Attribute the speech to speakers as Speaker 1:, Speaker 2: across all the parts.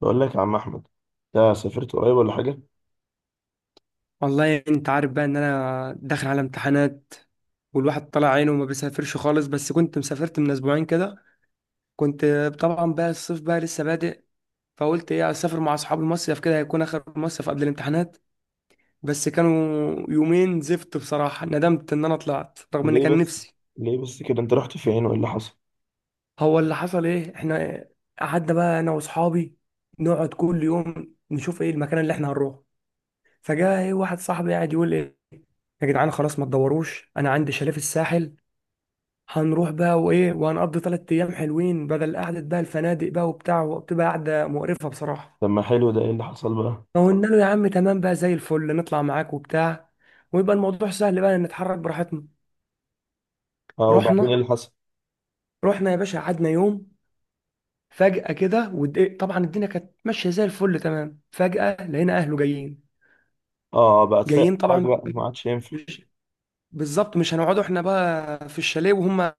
Speaker 1: بقول لك يا عم احمد، انت سافرت قريب ولا حاجه؟
Speaker 2: والله انت عارف بقى ان انا داخل على امتحانات، والواحد طلع عينه وما بيسافرش خالص، بس كنت مسافرت من اسبوعين كده. كنت طبعا بقى الصيف بقى لسه بادئ، فقلت ايه اسافر مع اصحاب المصيف كده، هيكون اخر مصيف قبل الامتحانات. بس كانوا يومين زفت بصراحة، ندمت ان انا طلعت رغم ان
Speaker 1: ليه
Speaker 2: كان
Speaker 1: بس
Speaker 2: نفسي.
Speaker 1: ليه بس كده انت رحت فين وايه اللي حصل؟
Speaker 2: هو اللي حصل ايه؟ احنا قعدنا بقى انا واصحابي نقعد كل يوم نشوف ايه المكان اللي احنا هنروحه. فجاء ايه واحد صاحبي قاعد يقول ايه: يا جدعان خلاص ما تدوروش، انا عندي شاليه في الساحل، هنروح بقى وايه وهنقضي 3 ايام حلوين، بدل قعده بقى الفنادق بقى وبتاع، وبتبقى قعده مقرفه بصراحه.
Speaker 1: طب ما حلو ده، ايه اللي حصل بقى؟
Speaker 2: فقلنا له يا عم تمام بقى زي الفل نطلع معاك وبتاع، ويبقى الموضوع سهل بقى نتحرك براحتنا.
Speaker 1: اه، وبعدين ايه
Speaker 2: رحنا
Speaker 1: اللي حصل؟
Speaker 2: رحنا يا باشا، قعدنا يوم، فجأة كده ودق، طبعا الدنيا كانت ماشية زي الفل تمام، فجأة لقينا أهله جايين.
Speaker 1: اه بقى تفاق
Speaker 2: جايين
Speaker 1: حرج
Speaker 2: طبعا،
Speaker 1: بقى، ما عادش ينفع.
Speaker 2: مش بالظبط مش هنقعدوا احنا بقى في الشاليه وهم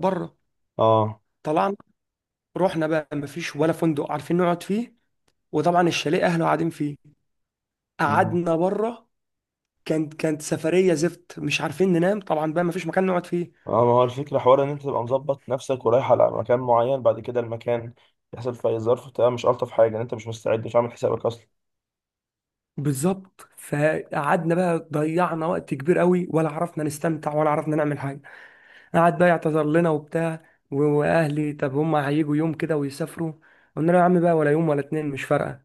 Speaker 2: بره.
Speaker 1: اه.
Speaker 2: طلعنا، رحنا بقى مفيش ولا فندق عارفين نقعد فيه، وطبعا الشاليه أهله قاعدين فيه،
Speaker 1: مم.
Speaker 2: قعدنا بره. كانت سفريه زفت، مش عارفين ننام طبعا بقى ما فيش مكان نقعد فيه.
Speaker 1: اه، ما هو الفكره حوار ان انت تبقى مظبط نفسك ورايح على مكان معين، بعد كده المكان يحصل في اي ظرف، بتبقى مش الطف حاجه ان انت مش مستعد مش عامل حسابك اصلا.
Speaker 2: بالظبط، فقعدنا بقى ضيعنا وقت كبير قوي، ولا عرفنا نستمتع ولا عرفنا نعمل حاجه، قعد بقى يعتذر لنا وبتاع. واهلي، طب هم هيجوا يوم كده ويسافروا؟ قلنا له يا عم بقى، ولا يوم ولا اتنين مش فارقه.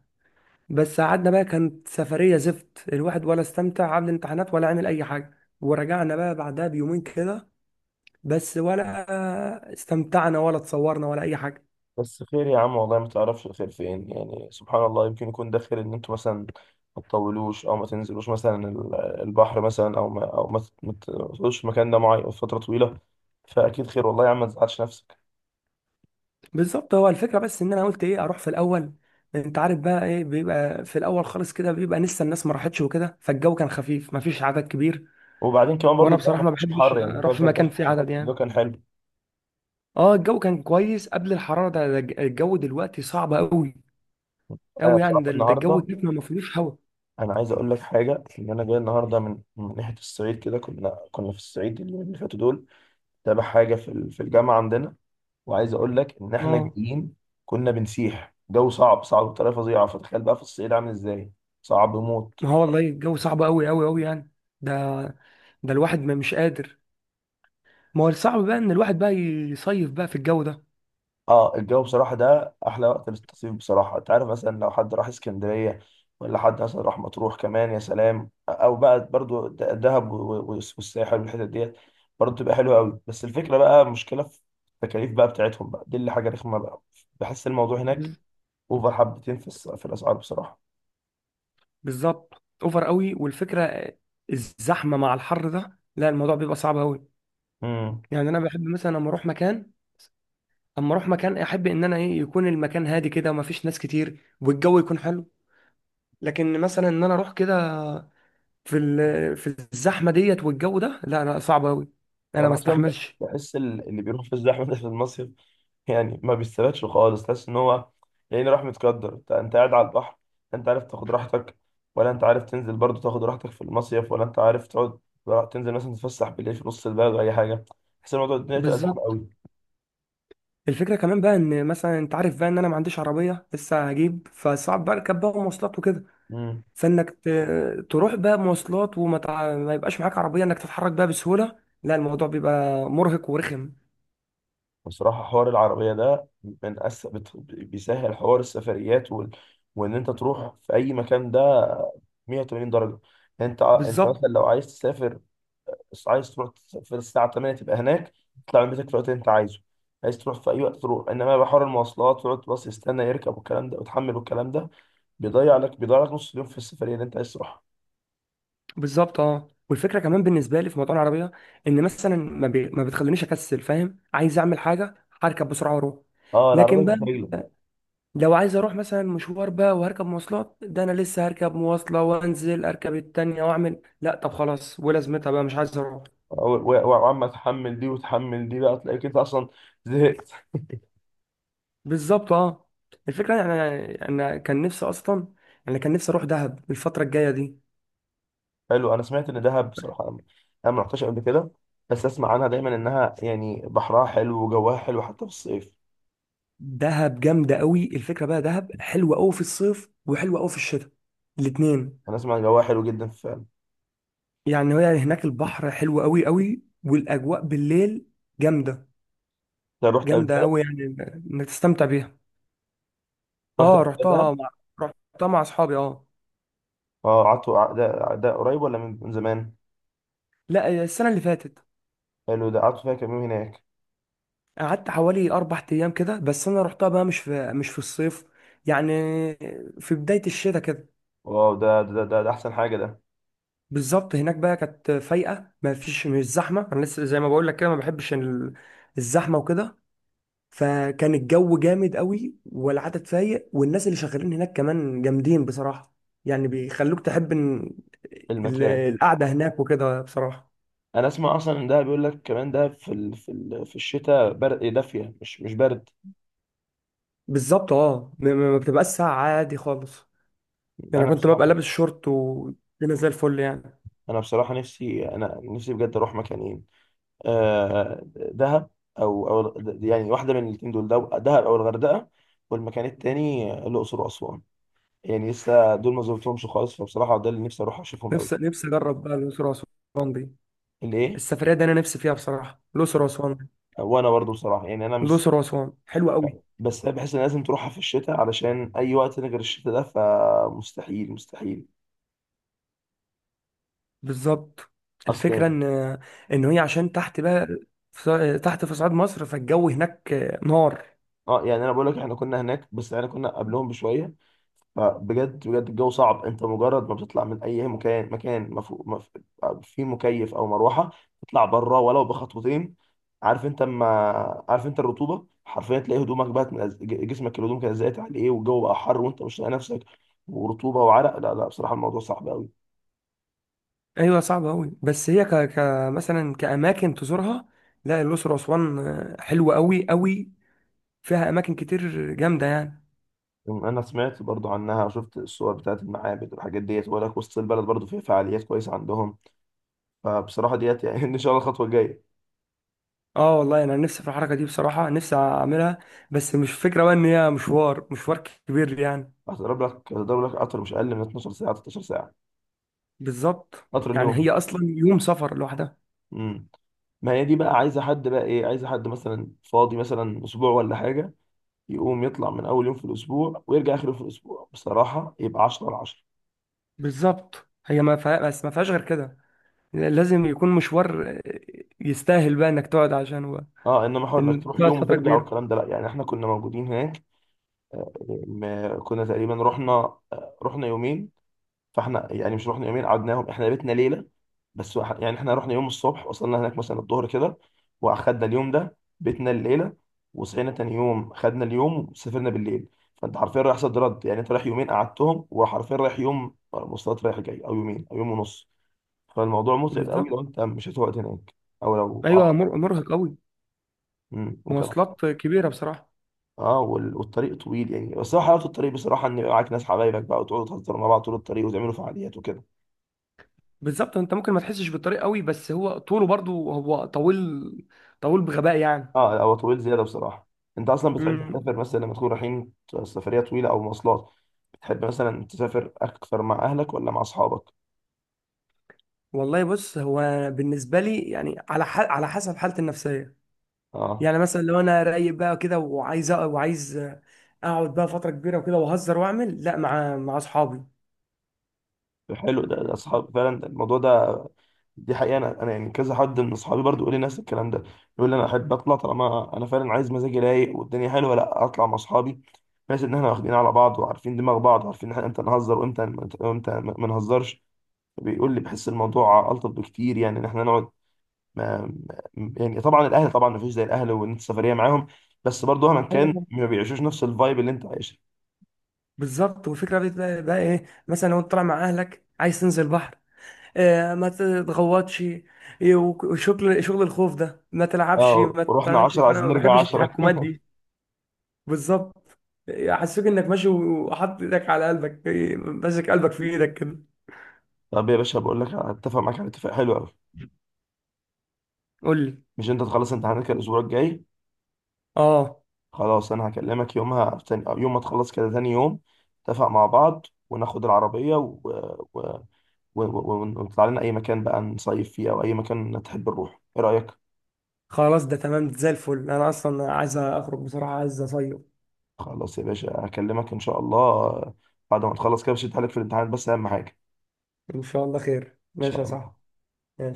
Speaker 2: بس قعدنا بقى كانت سفريه زفت، الواحد ولا استمتع، عامل امتحانات ولا عامل اي حاجه، ورجعنا بقى بعدها بيومين كده، بس ولا استمتعنا ولا اتصورنا ولا اي حاجه.
Speaker 1: بس خير يا عم، والله ما تعرفش الخير فين، يعني سبحان الله، يمكن يكون ده خير ان انتوا مثلا ما تطولوش او ما تنزلوش مثلا البحر، مثلا او ما ما تقعدوش في مكان ده معين فتره طويله، فاكيد خير والله يا عم، ما تزعلش نفسك.
Speaker 2: بالظبط، هو الفكره بس ان انا قلت ايه اروح في الاول، انت عارف بقى ايه بيبقى في الاول خالص كده، بيبقى لسه الناس ما راحتش وكده، فالجو كان خفيف ما فيش عدد كبير.
Speaker 1: وبعدين كمان برضو
Speaker 2: وانا
Speaker 1: الجو
Speaker 2: بصراحه
Speaker 1: ما
Speaker 2: ما
Speaker 1: كانش
Speaker 2: بحبش
Speaker 1: حر، يعني الجو
Speaker 2: اروح
Speaker 1: اللي
Speaker 2: في
Speaker 1: فات ده،
Speaker 2: مكان فيه عدد
Speaker 1: الجو ده
Speaker 2: يعني.
Speaker 1: كان حلو.
Speaker 2: اه، الجو كان كويس قبل الحراره ده. الجو دلوقتي صعب قوي
Speaker 1: انا
Speaker 2: قوي يعني،
Speaker 1: بصراحه
Speaker 2: ده الجو
Speaker 1: النهارده،
Speaker 2: كده ما فيهوش هوا.
Speaker 1: انا عايز اقول لك حاجه، ان انا جاي النهارده من ناحيه الصعيد، كده كنا في الصعيد اليومين اللي فاتوا دول، تابع حاجه في الجامعه عندنا، وعايز اقول لك ان احنا
Speaker 2: اه
Speaker 1: جايين كنا بنسيح جو صعب صعب بطريقه فظيعه، فتخيل بقى في الصعيد عامل ازاي؟ صعب موت.
Speaker 2: ما هو والله الجو صعب قوي قوي قوي يعني، ده ده الواحد ما مش قادر. ما هو الصعب بقى ان الواحد بقى يصيف بقى في الجو
Speaker 1: اه، الجو بصراحه ده احلى وقت للتصيف بصراحه، انت عارف مثلا لو حد راح اسكندريه، ولا حد مثلا راح مطروح كمان يا سلام، او بقى برضو دهب والساحل والحتت ديت برضو تبقى حلوه قوي، بس الفكره بقى مشكله في التكاليف بقى بتاعتهم بقى دي، اللي حاجه رخمه بقى، بحس الموضوع
Speaker 2: ده.
Speaker 1: هناك اوفر حبتين في الاسعار بصراحه.
Speaker 2: بالظبط، اوفر قوي، والفكره الزحمه مع الحر ده، لا الموضوع بيبقى صعب قوي
Speaker 1: امم.
Speaker 2: يعني. انا بحب مثلا لما اروح مكان، اما اروح مكان احب ان انا ايه يكون المكان هادي كده وما فيش ناس كتير والجو يكون حلو. لكن مثلا ان انا اروح كده في الزحمه ديت والجو ده، لا لا صعب قوي، انا ما
Speaker 1: انا اصلا
Speaker 2: استحملش.
Speaker 1: بحس اللي بيروح في الزحمه ده في المصيف يعني ما بيستفادش خالص، تحس ان هو يعني راح متقدر، انت قاعد على البحر، لا انت عارف تاخد راحتك، ولا انت عارف تنزل برضو تاخد راحتك في المصيف، ولا انت عارف تقعد تنزل مثلا تتفسح بالليل في نص البلد ولا اي حاجه، تحس إن الموضوع الدنيا تبقى زحمه
Speaker 2: بالظبط،
Speaker 1: قوي.
Speaker 2: الفكره كمان بقى، ان مثلا انت عارف بقى ان انا ما عنديش عربيه لسه هجيب، فصعب بركب بقى مواصلات وكده.
Speaker 1: امم.
Speaker 2: فانك تروح بقى مواصلات وما تع... ما يبقاش معاك عربيه انك تتحرك بقى بسهوله، لا الموضوع بيبقى مرهق ورخم.
Speaker 1: بصراحه حوار العربيه ده بيسهل حوار السفريات وان انت تروح في اي مكان ده 180 درجه، يعني انت انت مثلا
Speaker 2: بالظبط
Speaker 1: لو عايز تسافر، بس عايز تروح في الساعة 8 تبقى هناك، تطلع من بيتك في الوقت اللي أنت عايزه، عايز تروح في أي وقت تروح، إنما بقى حوار المواصلات تقعد باص يستنى يركب والكلام ده وتحمل والكلام ده، بيضيع لك نص اليوم في السفرية اللي أنت عايز تروحها.
Speaker 2: بالظبط اه، والفكره كمان بالنسبه لي في موضوع العربيه، ان مثلا ما بتخلينيش اكسل، فاهم، عايز اعمل حاجه، هركب بسرعه واروح.
Speaker 1: أه
Speaker 2: لكن
Speaker 1: العربية
Speaker 2: بقى
Speaker 1: تحت رجلك.
Speaker 2: لو عايز اروح مثلا مشوار بقى، وهركب مواصلات ده انا لسه هركب مواصله وانزل اركب التانية واعمل، لا طب خلاص ولازمتها بقى مش عايز اروح.
Speaker 1: وعمال تحمل دي وتحمل دي بقى، تلاقيك أنت أصلا زهقت.
Speaker 2: بالظبط اه، الفكره يعني انا كان نفسي اصلا، انا كان نفسي اروح دهب الفتره الجايه دي.
Speaker 1: حلو، أنا سمعت إن دهب بصراحة، أنا ما رحتش قبل كده، بس أسمع عنها دايما إنها يعني بحرها حلو وجواها حلو حتى في الصيف.
Speaker 2: دهب جامده قوي، الفكره بقى دهب حلوه قوي في الصيف وحلوه قوي في الشتاء، الاتنين.
Speaker 1: أنا أسمع إن جواها حلو جدا فعلا.
Speaker 2: يعني هي هناك البحر حلو قوي قوي والاجواء بالليل جامده،
Speaker 1: أنت رحت قبل
Speaker 2: جامده
Speaker 1: كده؟
Speaker 2: قوي يعني، انك تستمتع بيها.
Speaker 1: رحت
Speaker 2: اه،
Speaker 1: قبل كده.
Speaker 2: رحتها مع اصحابي اه.
Speaker 1: اه قعدتوا ده قريب ولا من زمان؟
Speaker 2: لا، السنه اللي فاتت.
Speaker 1: حلو، ده قعدتوا فيها كام يوم هناك؟
Speaker 2: قعدت حوالي 4 ايام كده، بس انا رحتها بقى مش في الصيف يعني، في بدايه الشتاء كده.
Speaker 1: واو، ده احسن حاجه ده
Speaker 2: بالظبط، هناك بقى كانت فايقه ما فيش، مش زحمه، انا لسه زي ما بقول لك كده ما بحبش الزحمه وكده. فكان الجو جامد قوي والعدد فايق، والناس اللي شغالين هناك كمان جامدين بصراحه، يعني بيخلوك تحب إن ال-
Speaker 1: المكان.
Speaker 2: القعده هناك وكده بصراحه.
Speaker 1: انا اسمع اصلا ان ده بيقول لك كمان ده في الشتاء برد إيه، دافيه مش برد.
Speaker 2: بالظبط اه، ما بتبقاش ساعه عادي خالص، يعني
Speaker 1: انا
Speaker 2: أنا كنت ببقى
Speaker 1: بصراحه
Speaker 2: لابس شورت والدنيا زي الفل يعني.
Speaker 1: انا بصراحه نفسي بجد اروح مكانين، دهب، او يعني واحده من الاثنين دول دهب او الغردقه، والمكان التاني الاقصر واسوان، يعني لسه دول ما زرتهمش خالص، فبصراحه ده اللي نفسي اروح اشوفهم قوي.
Speaker 2: نفسي اجرب بقى الاقصر واسوان دي،
Speaker 1: الايه.
Speaker 2: السفريه دي انا نفسي فيها بصراحه، الاقصر واسوان،
Speaker 1: وانا برضو بصراحه يعني انا،
Speaker 2: الاقصر واسوان حلوه قوي.
Speaker 1: بس انا بحس ان لازم تروحها في الشتاء، علشان اي وقت تاني غير الشتاء ده فمستحيل مستحيل،
Speaker 2: بالظبط،
Speaker 1: اصل
Speaker 2: الفكرة
Speaker 1: يعني.
Speaker 2: ان هي عشان تحت بقى، تحت في صعيد مصر، فالجو هناك نار.
Speaker 1: اه، يعني انا بقول لك احنا كنا هناك بس احنا كنا قبلهم بشويه، فبجد بجد الجو صعب، انت مجرد ما بتطلع من اي مكان مكان في مكيف او مروحه، تطلع بره ولو بخطوتين، عارف انت ما عارف انت الرطوبه حرفيا، تلاقي هدومك بقت جسمك، الهدوم كانت زقت عليه والجو بقى حر وانت مش لاقي نفسك، ورطوبه وعرق، لا لا بصراحه الموضوع صعب قوي.
Speaker 2: ايوه صعب قوي، بس هي ك... ك مثلا كاماكن تزورها، لا الاقصر واسوان حلوه قوي قوي، فيها اماكن كتير جامده يعني.
Speaker 1: انا سمعت برضو عنها، شفت الصور بتاعت المعابد والحاجات ديت، ولا وسط البلد برضو في فعاليات كويسه عندهم، فبصراحه ديت يعني ان شاء الله الخطوه الجايه.
Speaker 2: اه والله انا نفسي في الحركه دي بصراحه، نفسي اعملها، بس مش فكره بقى ان هي مشوار كبير يعني.
Speaker 1: هتضرب لك قطر مش اقل من 12 ساعه، 13 ساعه،
Speaker 2: بالظبط،
Speaker 1: قطر
Speaker 2: يعني
Speaker 1: النوم.
Speaker 2: هي اصلا يوم سفر لوحدها.
Speaker 1: امم. ما هي دي بقى عايزه حد بقى، ايه، عايزه حد مثلا فاضي مثلا اسبوع ولا حاجه، يقوم يطلع من اول يوم في الاسبوع ويرجع اخر يوم في الاسبوع، بصراحه يبقى 10 على 10.
Speaker 2: بالظبط، هي ما فيها، بس ما فيهاش غير كده، لازم يكون مشوار يستاهل بقى انك تقعد عشانه بقى،
Speaker 1: اه انما حوار انك
Speaker 2: ان
Speaker 1: تروح
Speaker 2: تقعد
Speaker 1: يوم
Speaker 2: فتره
Speaker 1: وترجع
Speaker 2: كبيره.
Speaker 1: والكلام ده، لا يعني احنا كنا موجودين هناك. آه، ما كنا تقريبا رحنا. رحنا يومين، فاحنا يعني مش رحنا يومين قعدناهم، احنا بيتنا ليله بس، يعني احنا رحنا يوم الصبح، وصلنا هناك مثلا الظهر كده، واخدنا اليوم ده بيتنا الليله، وصحينا تاني يوم خدنا اليوم وسافرنا بالليل، فانت حرفيا رايح صد رد، يعني انت رايح يومين قعدتهم، وحرفيا رايح يوم مواصلات رايح جاي او يومين او يوم ونص، فالموضوع متعب قوي
Speaker 2: بالظبط
Speaker 1: لو انت مشيت وقت هناك او لو آه،
Speaker 2: ايوه، مرهق قوي،
Speaker 1: وكمان.
Speaker 2: مواصلات كبيره بصراحه.
Speaker 1: اه والطريق طويل يعني، بس هو حلاوه الطريق بصراحه ان يبقى معاك ناس حبايبك بقى وتقعدوا تهزروا مع بعض طول الطريق وتعملوا فعاليات وكده.
Speaker 2: بالظبط، انت ممكن ما تحسش بالطريق قوي، بس هو طوله برضو هو طويل، طويل بغباء يعني.
Speaker 1: اه هو طويل زياده بصراحه. انت اصلا بتحب
Speaker 2: امم
Speaker 1: تسافر مثلا لما تكون رايحين سفريه طويله او مواصلات، بتحب مثلا تسافر اكثر مع اهلك ولا مع اصحابك؟
Speaker 2: والله بص، هو بالنسبه لي يعني على على حسب حالتي النفسيه،
Speaker 1: اه،
Speaker 2: يعني مثلا لو انا رايق بقى كده وعايز وعايز اقعد بقى فتره كبيره وكده واهزر واعمل، لا مع اصحابي.
Speaker 1: حلو ده، ده اصحاب فعلا الموضوع ده، دي حقيقه، انا يعني كذا حد من اصحابي برضو يقول لي نفس الكلام ده، يقول لي انا احب اطلع طالما انا فعلا عايز مزاجي رايق والدنيا حلوه، لا اطلع مع اصحابي، بحيث ان احنا واخدين على بعض وعارفين دماغ بعض وعارفين احنا امتى نهزر وامتى ما نهزرش، بيقول لي بحس الموضوع الطف بكتير يعني، ان احنا نقعد. ما يعني طبعا الاهلي طبعا ما فيش زي الاهلي وان انت سفريه معاهم، بس برضه مهما كان
Speaker 2: ايوه
Speaker 1: ما بيعيشوش نفس الفايب اللي انت عايشها.
Speaker 2: بالظبط، والفكره بتبقى بقى ايه مثلا، لو انت طالع مع اهلك عايز تنزل بحر، آه ما تتغوطش، إيه، وشغل شغل الخوف ده، ما تلعبش
Speaker 1: اه
Speaker 2: ما
Speaker 1: ورحنا
Speaker 2: تعملش،
Speaker 1: 10
Speaker 2: فانا
Speaker 1: عايزين
Speaker 2: ما
Speaker 1: نرجع
Speaker 2: بحبش
Speaker 1: 10
Speaker 2: التحكمات دي. بالظبط، حسيت انك ماشي وحاطط ايدك على قلبك، إيه، ماسك قلبك في ايدك كده.
Speaker 1: طب يا باشا بقول لك اتفق معاك على اتفاق حلو قوي،
Speaker 2: قول لي.
Speaker 1: مش انت تخلص امتحاناتك الاسبوع الجاي؟
Speaker 2: اه
Speaker 1: خلاص انا هكلمك يومها تاني أو يوم ما تخلص كده تاني يوم، نتفق مع بعض وناخد العربيه و... ونطلع لنا اي مكان بقى نصيف فيه او اي مكان تحب نروح، ايه رايك؟
Speaker 2: خلاص ده تمام زي الفل، انا اصلا عايز اخرج بصراحه، عايز اصيف.
Speaker 1: خلاص يا باشا هكلمك ان شاء الله بعد ما تخلص كده، مش هتحلك في الامتحان بس اهم حاجه.
Speaker 2: ان شاء الله خير،
Speaker 1: شاء
Speaker 2: ماشي يا صاحبي.
Speaker 1: الله.
Speaker 2: ماشي.